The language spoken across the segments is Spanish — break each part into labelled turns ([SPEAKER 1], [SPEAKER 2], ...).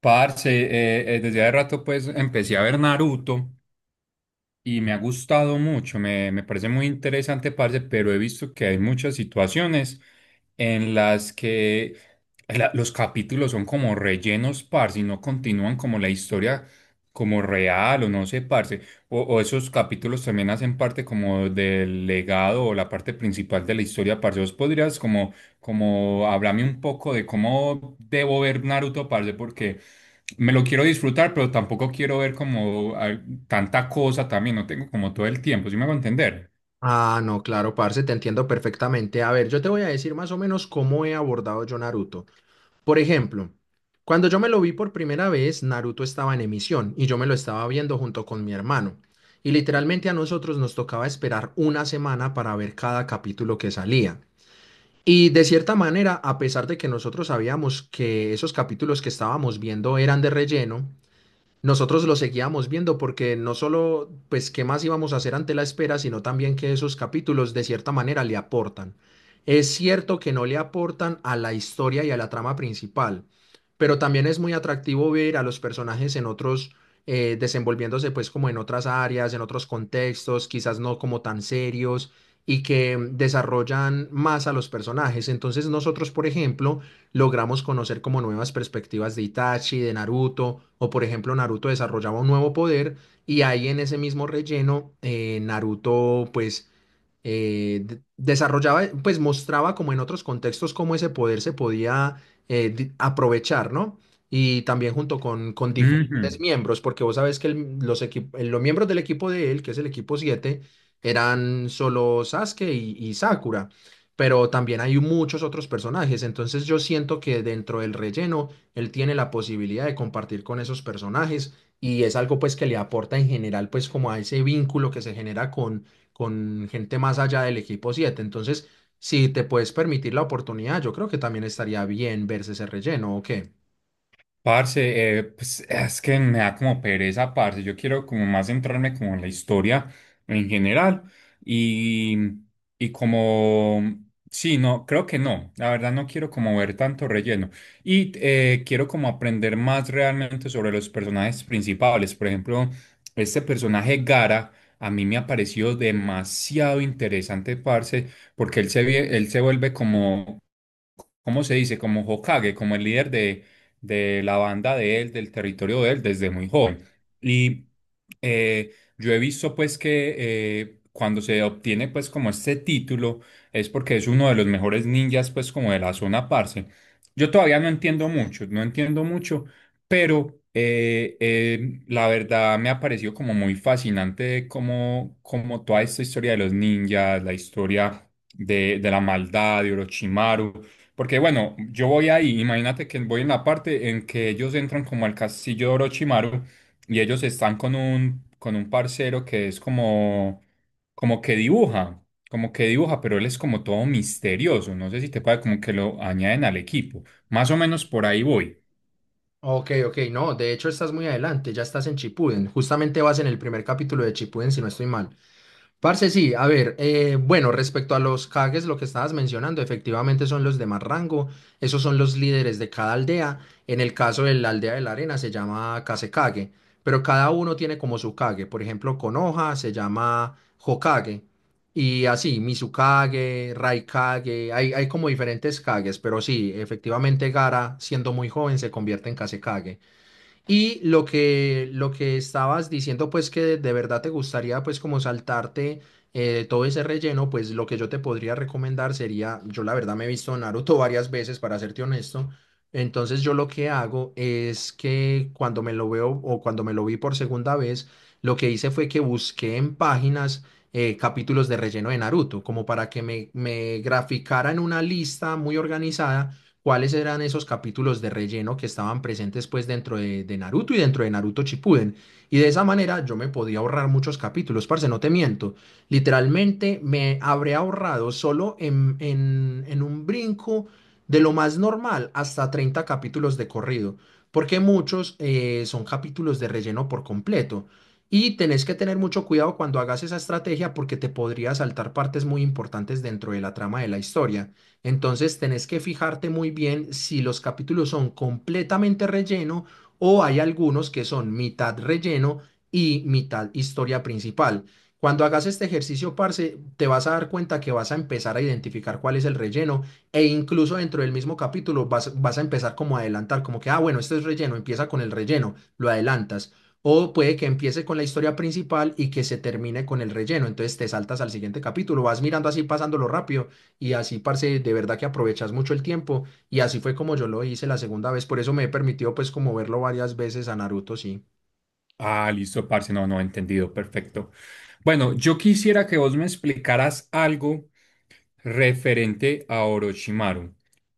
[SPEAKER 1] Parce, desde hace rato pues empecé a ver Naruto y me ha gustado mucho, me parece muy interesante, parce, pero he visto que hay muchas situaciones en las que los capítulos son como rellenos, parce, y no continúan como la historia como real o no sé, parce, o esos capítulos también hacen parte como del legado o la parte principal de la historia, parce, ¿vos podrías como, como hablarme un poco de cómo debo ver Naruto, parce, porque... Me lo quiero disfrutar, pero tampoco quiero ver como tanta cosa también. No tengo como todo el tiempo, ¿sí me hago entender?
[SPEAKER 2] Ah, no, claro, parce, te entiendo perfectamente. A ver, yo te voy a decir más o menos cómo he abordado yo Naruto. Por ejemplo, cuando yo me lo vi por primera vez, Naruto estaba en emisión y yo me lo estaba viendo junto con mi hermano. Y literalmente a nosotros nos tocaba esperar una semana para ver cada capítulo que salía. Y de cierta manera, a pesar de que nosotros sabíamos que esos capítulos que estábamos viendo eran de relleno, nosotros lo seguíamos viendo porque no solo, pues, qué más íbamos a hacer ante la espera, sino también que esos capítulos de cierta manera le aportan. Es cierto que no le aportan a la historia y a la trama principal, pero también es muy atractivo ver a los personajes en otros, desenvolviéndose pues como en otras áreas, en otros contextos, quizás no como tan serios y que desarrollan más a los personajes. Entonces nosotros, por ejemplo, logramos conocer como nuevas perspectivas de Itachi, de Naruto, o por ejemplo Naruto desarrollaba un nuevo poder y ahí en ese mismo relleno Naruto pues desarrollaba, pues mostraba como en otros contextos cómo ese poder se podía aprovechar, ¿no? Y también junto con diferentes
[SPEAKER 1] Ujú.
[SPEAKER 2] miembros, porque vos sabés que los, los miembros del equipo de él, que es el equipo 7 eran solo Sasuke y Sakura, pero también hay muchos otros personajes, entonces yo siento que dentro del relleno él tiene la posibilidad de compartir con esos personajes y es algo pues que le aporta en general pues como a ese vínculo que se genera con gente más allá del equipo 7. Entonces, si te puedes permitir la oportunidad, yo creo que también estaría bien verse ese relleno, ¿o qué?
[SPEAKER 1] Parce, pues es que me da como pereza, parce. Yo quiero como más centrarme como en la historia en general y, y como, sí, no, creo que no. La verdad no quiero como ver tanto relleno y quiero como aprender más realmente sobre los personajes principales. Por ejemplo, este personaje Gara a mí me ha parecido demasiado interesante, parce, porque él se vuelve como ¿cómo se dice? Como Hokage, como el líder de la banda de él, del territorio de él, desde muy joven. Y eh, yo he visto pues que cuando se obtiene pues como este título es porque es uno de los mejores ninjas pues como de la zona parce. Yo todavía no entiendo mucho, no entiendo mucho, pero la verdad me ha parecido como muy fascinante como, como toda esta historia de los ninjas, la historia de la maldad de Orochimaru. Porque bueno, yo voy ahí, imagínate que voy en la parte en que ellos entran como al castillo de Orochimaru y ellos están con un parcero que es como, como que dibuja, como que dibuja, pero él es como todo misterioso, no sé si te parece como que lo añaden al equipo, más o menos por ahí voy.
[SPEAKER 2] Ok, ok, no, de hecho estás muy adelante, ya estás en Chipuden, justamente vas en el primer capítulo de Chipuden, si no estoy mal. Parce, sí, a ver, bueno, respecto a los Kages, lo que estabas mencionando, efectivamente son los de más rango, esos son los líderes de cada aldea, en el caso de la aldea de la arena se llama Kasekage, pero cada uno tiene como su Kage, por ejemplo, Konoha se llama Hokage, y así, Mizukage, Raikage, hay como diferentes Kages, pero sí, efectivamente Gara, siendo muy joven, se convierte en Kasekage. Y lo que estabas diciendo, pues que de verdad te gustaría, pues como saltarte todo ese relleno, pues lo que yo te podría recomendar sería, yo la verdad me he visto Naruto varias veces, para serte honesto, entonces yo lo que hago es que cuando me lo veo o cuando me lo vi por segunda vez, lo que hice fue que busqué en páginas capítulos de relleno de Naruto, como para que me graficara en una lista muy organizada cuáles eran esos capítulos de relleno que estaban presentes pues dentro de Naruto y dentro de Naruto Shippuden. Y de esa manera yo me podía ahorrar muchos capítulos, parce, no te miento. Literalmente me habré ahorrado solo en un brinco de lo más normal hasta 30 capítulos de corrido, porque muchos son capítulos de relleno por completo. Y tenés que tener mucho cuidado cuando hagas esa estrategia porque te podría saltar partes muy importantes dentro de la trama de la historia. Entonces tenés que fijarte muy bien si los capítulos son completamente relleno o hay algunos que son mitad relleno y mitad historia principal. Cuando hagas este ejercicio, parce, te vas a dar cuenta que vas a empezar a identificar cuál es el relleno e incluso dentro del mismo capítulo vas a empezar como a adelantar, como que, ah, bueno, este es relleno, empieza con el relleno, lo adelantas. O puede que empiece con la historia principal y que se termine con el relleno. Entonces te saltas al siguiente capítulo, vas mirando así, pasándolo rápido y así, parce, de verdad que aprovechas mucho el tiempo. Y así fue como yo lo hice la segunda vez. Por eso me he permitido, pues, como verlo varias veces a Naruto, sí.
[SPEAKER 1] Ah, listo, parce, no, no, entendido, perfecto. Bueno, yo quisiera que vos me explicaras algo referente a Orochimaru.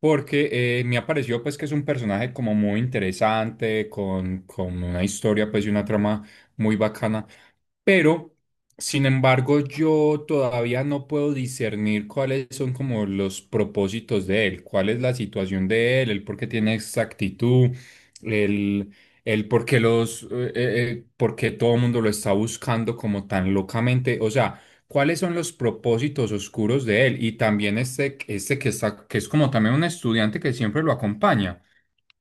[SPEAKER 1] Porque me ha parecido pues que es un personaje como muy interesante, con una historia pues y una trama muy bacana. Pero, sin embargo, yo todavía no puedo discernir cuáles son como los propósitos de él, cuál es la situación de él, el por qué tiene esa actitud, el, el por qué por qué todo el mundo lo está buscando como tan locamente. O sea, ¿cuáles son los propósitos oscuros de él? Y también este que está, que es como también un estudiante que siempre lo acompaña.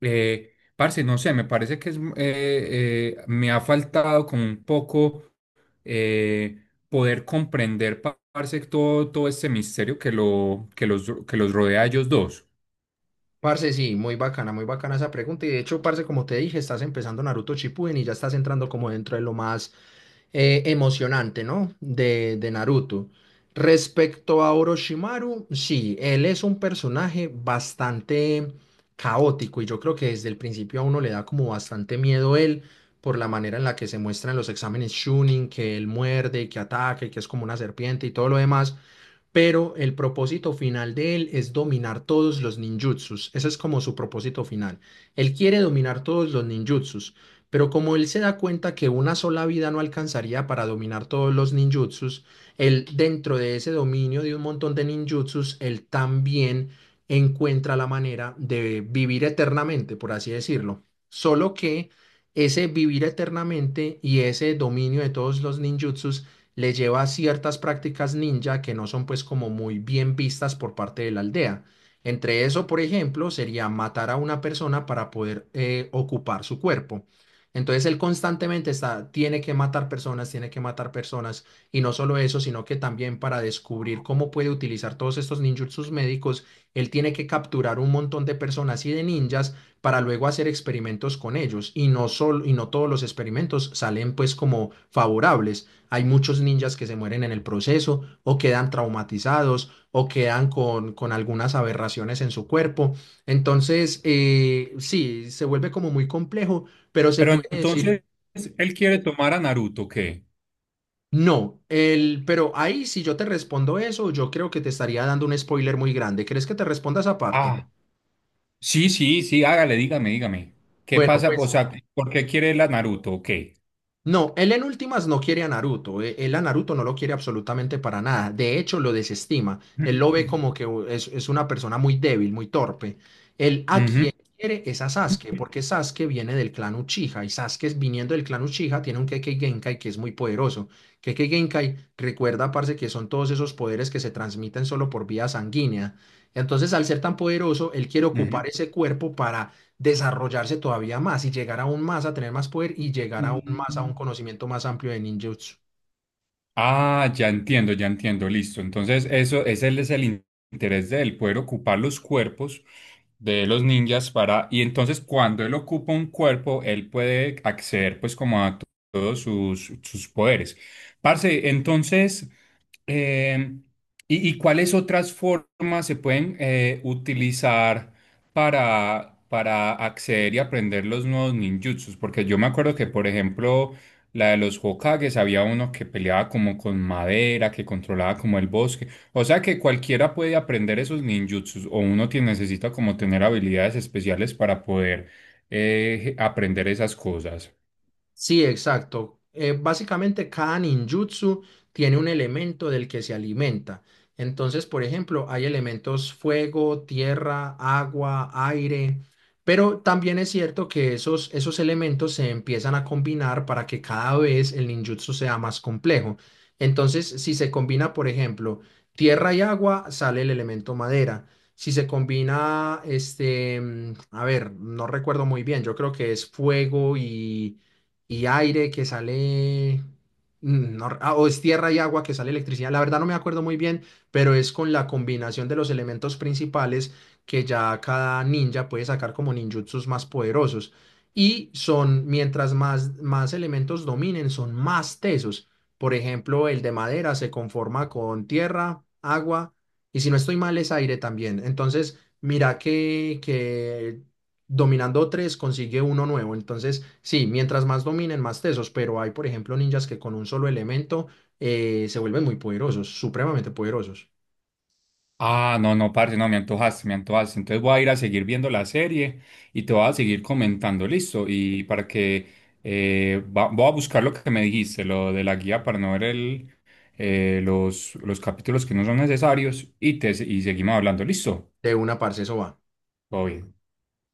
[SPEAKER 1] Parce, no sé, me parece que es, me ha faltado como un poco eh, poder comprender, parce, todo, todo este misterio que los rodea a ellos dos.
[SPEAKER 2] Parce, sí, muy bacana esa pregunta. Y de hecho, parce, como te dije, estás empezando Naruto Shippuden y ya estás entrando como dentro de lo más emocionante, ¿no? De Naruto. Respecto a Orochimaru, sí, él es un personaje bastante caótico y yo creo que desde el principio a uno le da como bastante miedo él por la manera en la que se muestra en los exámenes Chunin, que él muerde, que ataque, que es como una serpiente y todo lo demás, pero el propósito final de él es dominar todos los ninjutsus. Ese es como su propósito final. Él quiere dominar todos los ninjutsus, pero como él se da cuenta que una sola vida no alcanzaría para dominar todos los ninjutsus, él dentro de ese dominio de un montón de ninjutsus, él también encuentra la manera de vivir eternamente, por así decirlo. Solo que ese vivir eternamente y ese dominio de todos los ninjutsus le lleva a ciertas prácticas ninja que no son pues como muy bien vistas por parte de la aldea. Entre eso, por ejemplo, sería matar a una persona para poder ocupar su cuerpo. Entonces él constantemente está, tiene que matar personas, tiene que matar personas, y no solo eso, sino que también para descubrir cómo puede utilizar todos estos ninjutsus médicos, él tiene que capturar un montón de personas y de ninjas para luego hacer experimentos con ellos, y no solo, y no todos los experimentos salen pues como favorables. Hay muchos ninjas que se mueren en el proceso o quedan traumatizados o quedan con algunas aberraciones en su cuerpo. Entonces, sí, se vuelve como muy complejo, pero se
[SPEAKER 1] Pero
[SPEAKER 2] puede decir,
[SPEAKER 1] entonces, ¿él quiere tomar a Naruto, o qué?
[SPEAKER 2] no, pero ahí si yo te respondo eso, yo creo que te estaría dando un spoiler muy grande. ¿Crees que te responda esa parte?
[SPEAKER 1] Ah, sí, sí, sí, hágale, dígame, dígame. ¿Qué
[SPEAKER 2] Bueno,
[SPEAKER 1] pasa? O
[SPEAKER 2] pues...
[SPEAKER 1] sea, ¿por qué quiere él a Naruto, o qué?
[SPEAKER 2] No, él en últimas no quiere a Naruto. Él a Naruto no lo quiere absolutamente para nada. De hecho, lo desestima. Él lo ve como que es una persona muy débil, muy torpe. Él a
[SPEAKER 1] Ujú,
[SPEAKER 2] quien quiere es a Sasuke, porque Sasuke viene del clan Uchiha y Sasuke viniendo del clan Uchiha tiene un Kekkei Genkai que es muy poderoso. Kekkei Genkai recuerda, parce, que son todos esos poderes que se transmiten solo por vía sanguínea. Entonces, al ser tan poderoso, él quiere ocupar
[SPEAKER 1] ujú.
[SPEAKER 2] ese cuerpo para desarrollarse todavía más y llegar aún más a tener más poder y llegar aún más a un
[SPEAKER 1] Mm.
[SPEAKER 2] conocimiento más amplio de ninjutsu.
[SPEAKER 1] Ah, ya entiendo, listo. Entonces, eso, ese es interés de él, poder ocupar los cuerpos de los ninjas para, y entonces cuando él ocupa un cuerpo, él puede acceder pues como a todos sus, sus poderes. Parce, entonces... Eh, y cuáles otras formas se pueden utilizar para acceder y aprender los nuevos ninjutsus? Porque yo me acuerdo que, por ejemplo, la de los Hokages, había uno que peleaba como con madera, que controlaba como el bosque. O sea que cualquiera puede aprender esos ninjutsus o uno necesita como tener habilidades especiales para poder aprender esas cosas.
[SPEAKER 2] Sí, exacto. Básicamente cada ninjutsu tiene un elemento del que se alimenta. Entonces, por ejemplo, hay elementos fuego, tierra, agua, aire, pero también es cierto que esos elementos se empiezan a combinar para que cada vez el ninjutsu sea más complejo. Entonces, si se combina, por ejemplo, tierra y agua, sale el elemento madera. Si se combina, este, a ver, no recuerdo muy bien, yo creo que es fuego y aire que sale, mm, no re- ah, o es tierra y agua que sale electricidad. La verdad no me acuerdo muy bien, pero es con la combinación de los elementos principales que ya cada ninja puede sacar como ninjutsus más poderosos. Y son, más elementos dominen, son más tesos. Por ejemplo, el de madera se conforma con tierra, agua, y si no estoy mal, es aire también. Entonces, mira que dominando tres consigue uno nuevo. Entonces, sí, mientras más dominen, más tesos, pero hay, por ejemplo, ninjas que con un solo elemento se vuelven muy poderosos, supremamente poderosos.
[SPEAKER 1] Ah, no, no, parce, no, me antojaste, me antojaste. Entonces voy a ir a seguir viendo la serie y te voy a seguir comentando, listo. Y para que voy a buscar lo que me dijiste, lo de la guía para no ver los capítulos que no son necesarios y seguimos hablando, listo.
[SPEAKER 2] De una parce, eso va.
[SPEAKER 1] Todo bien.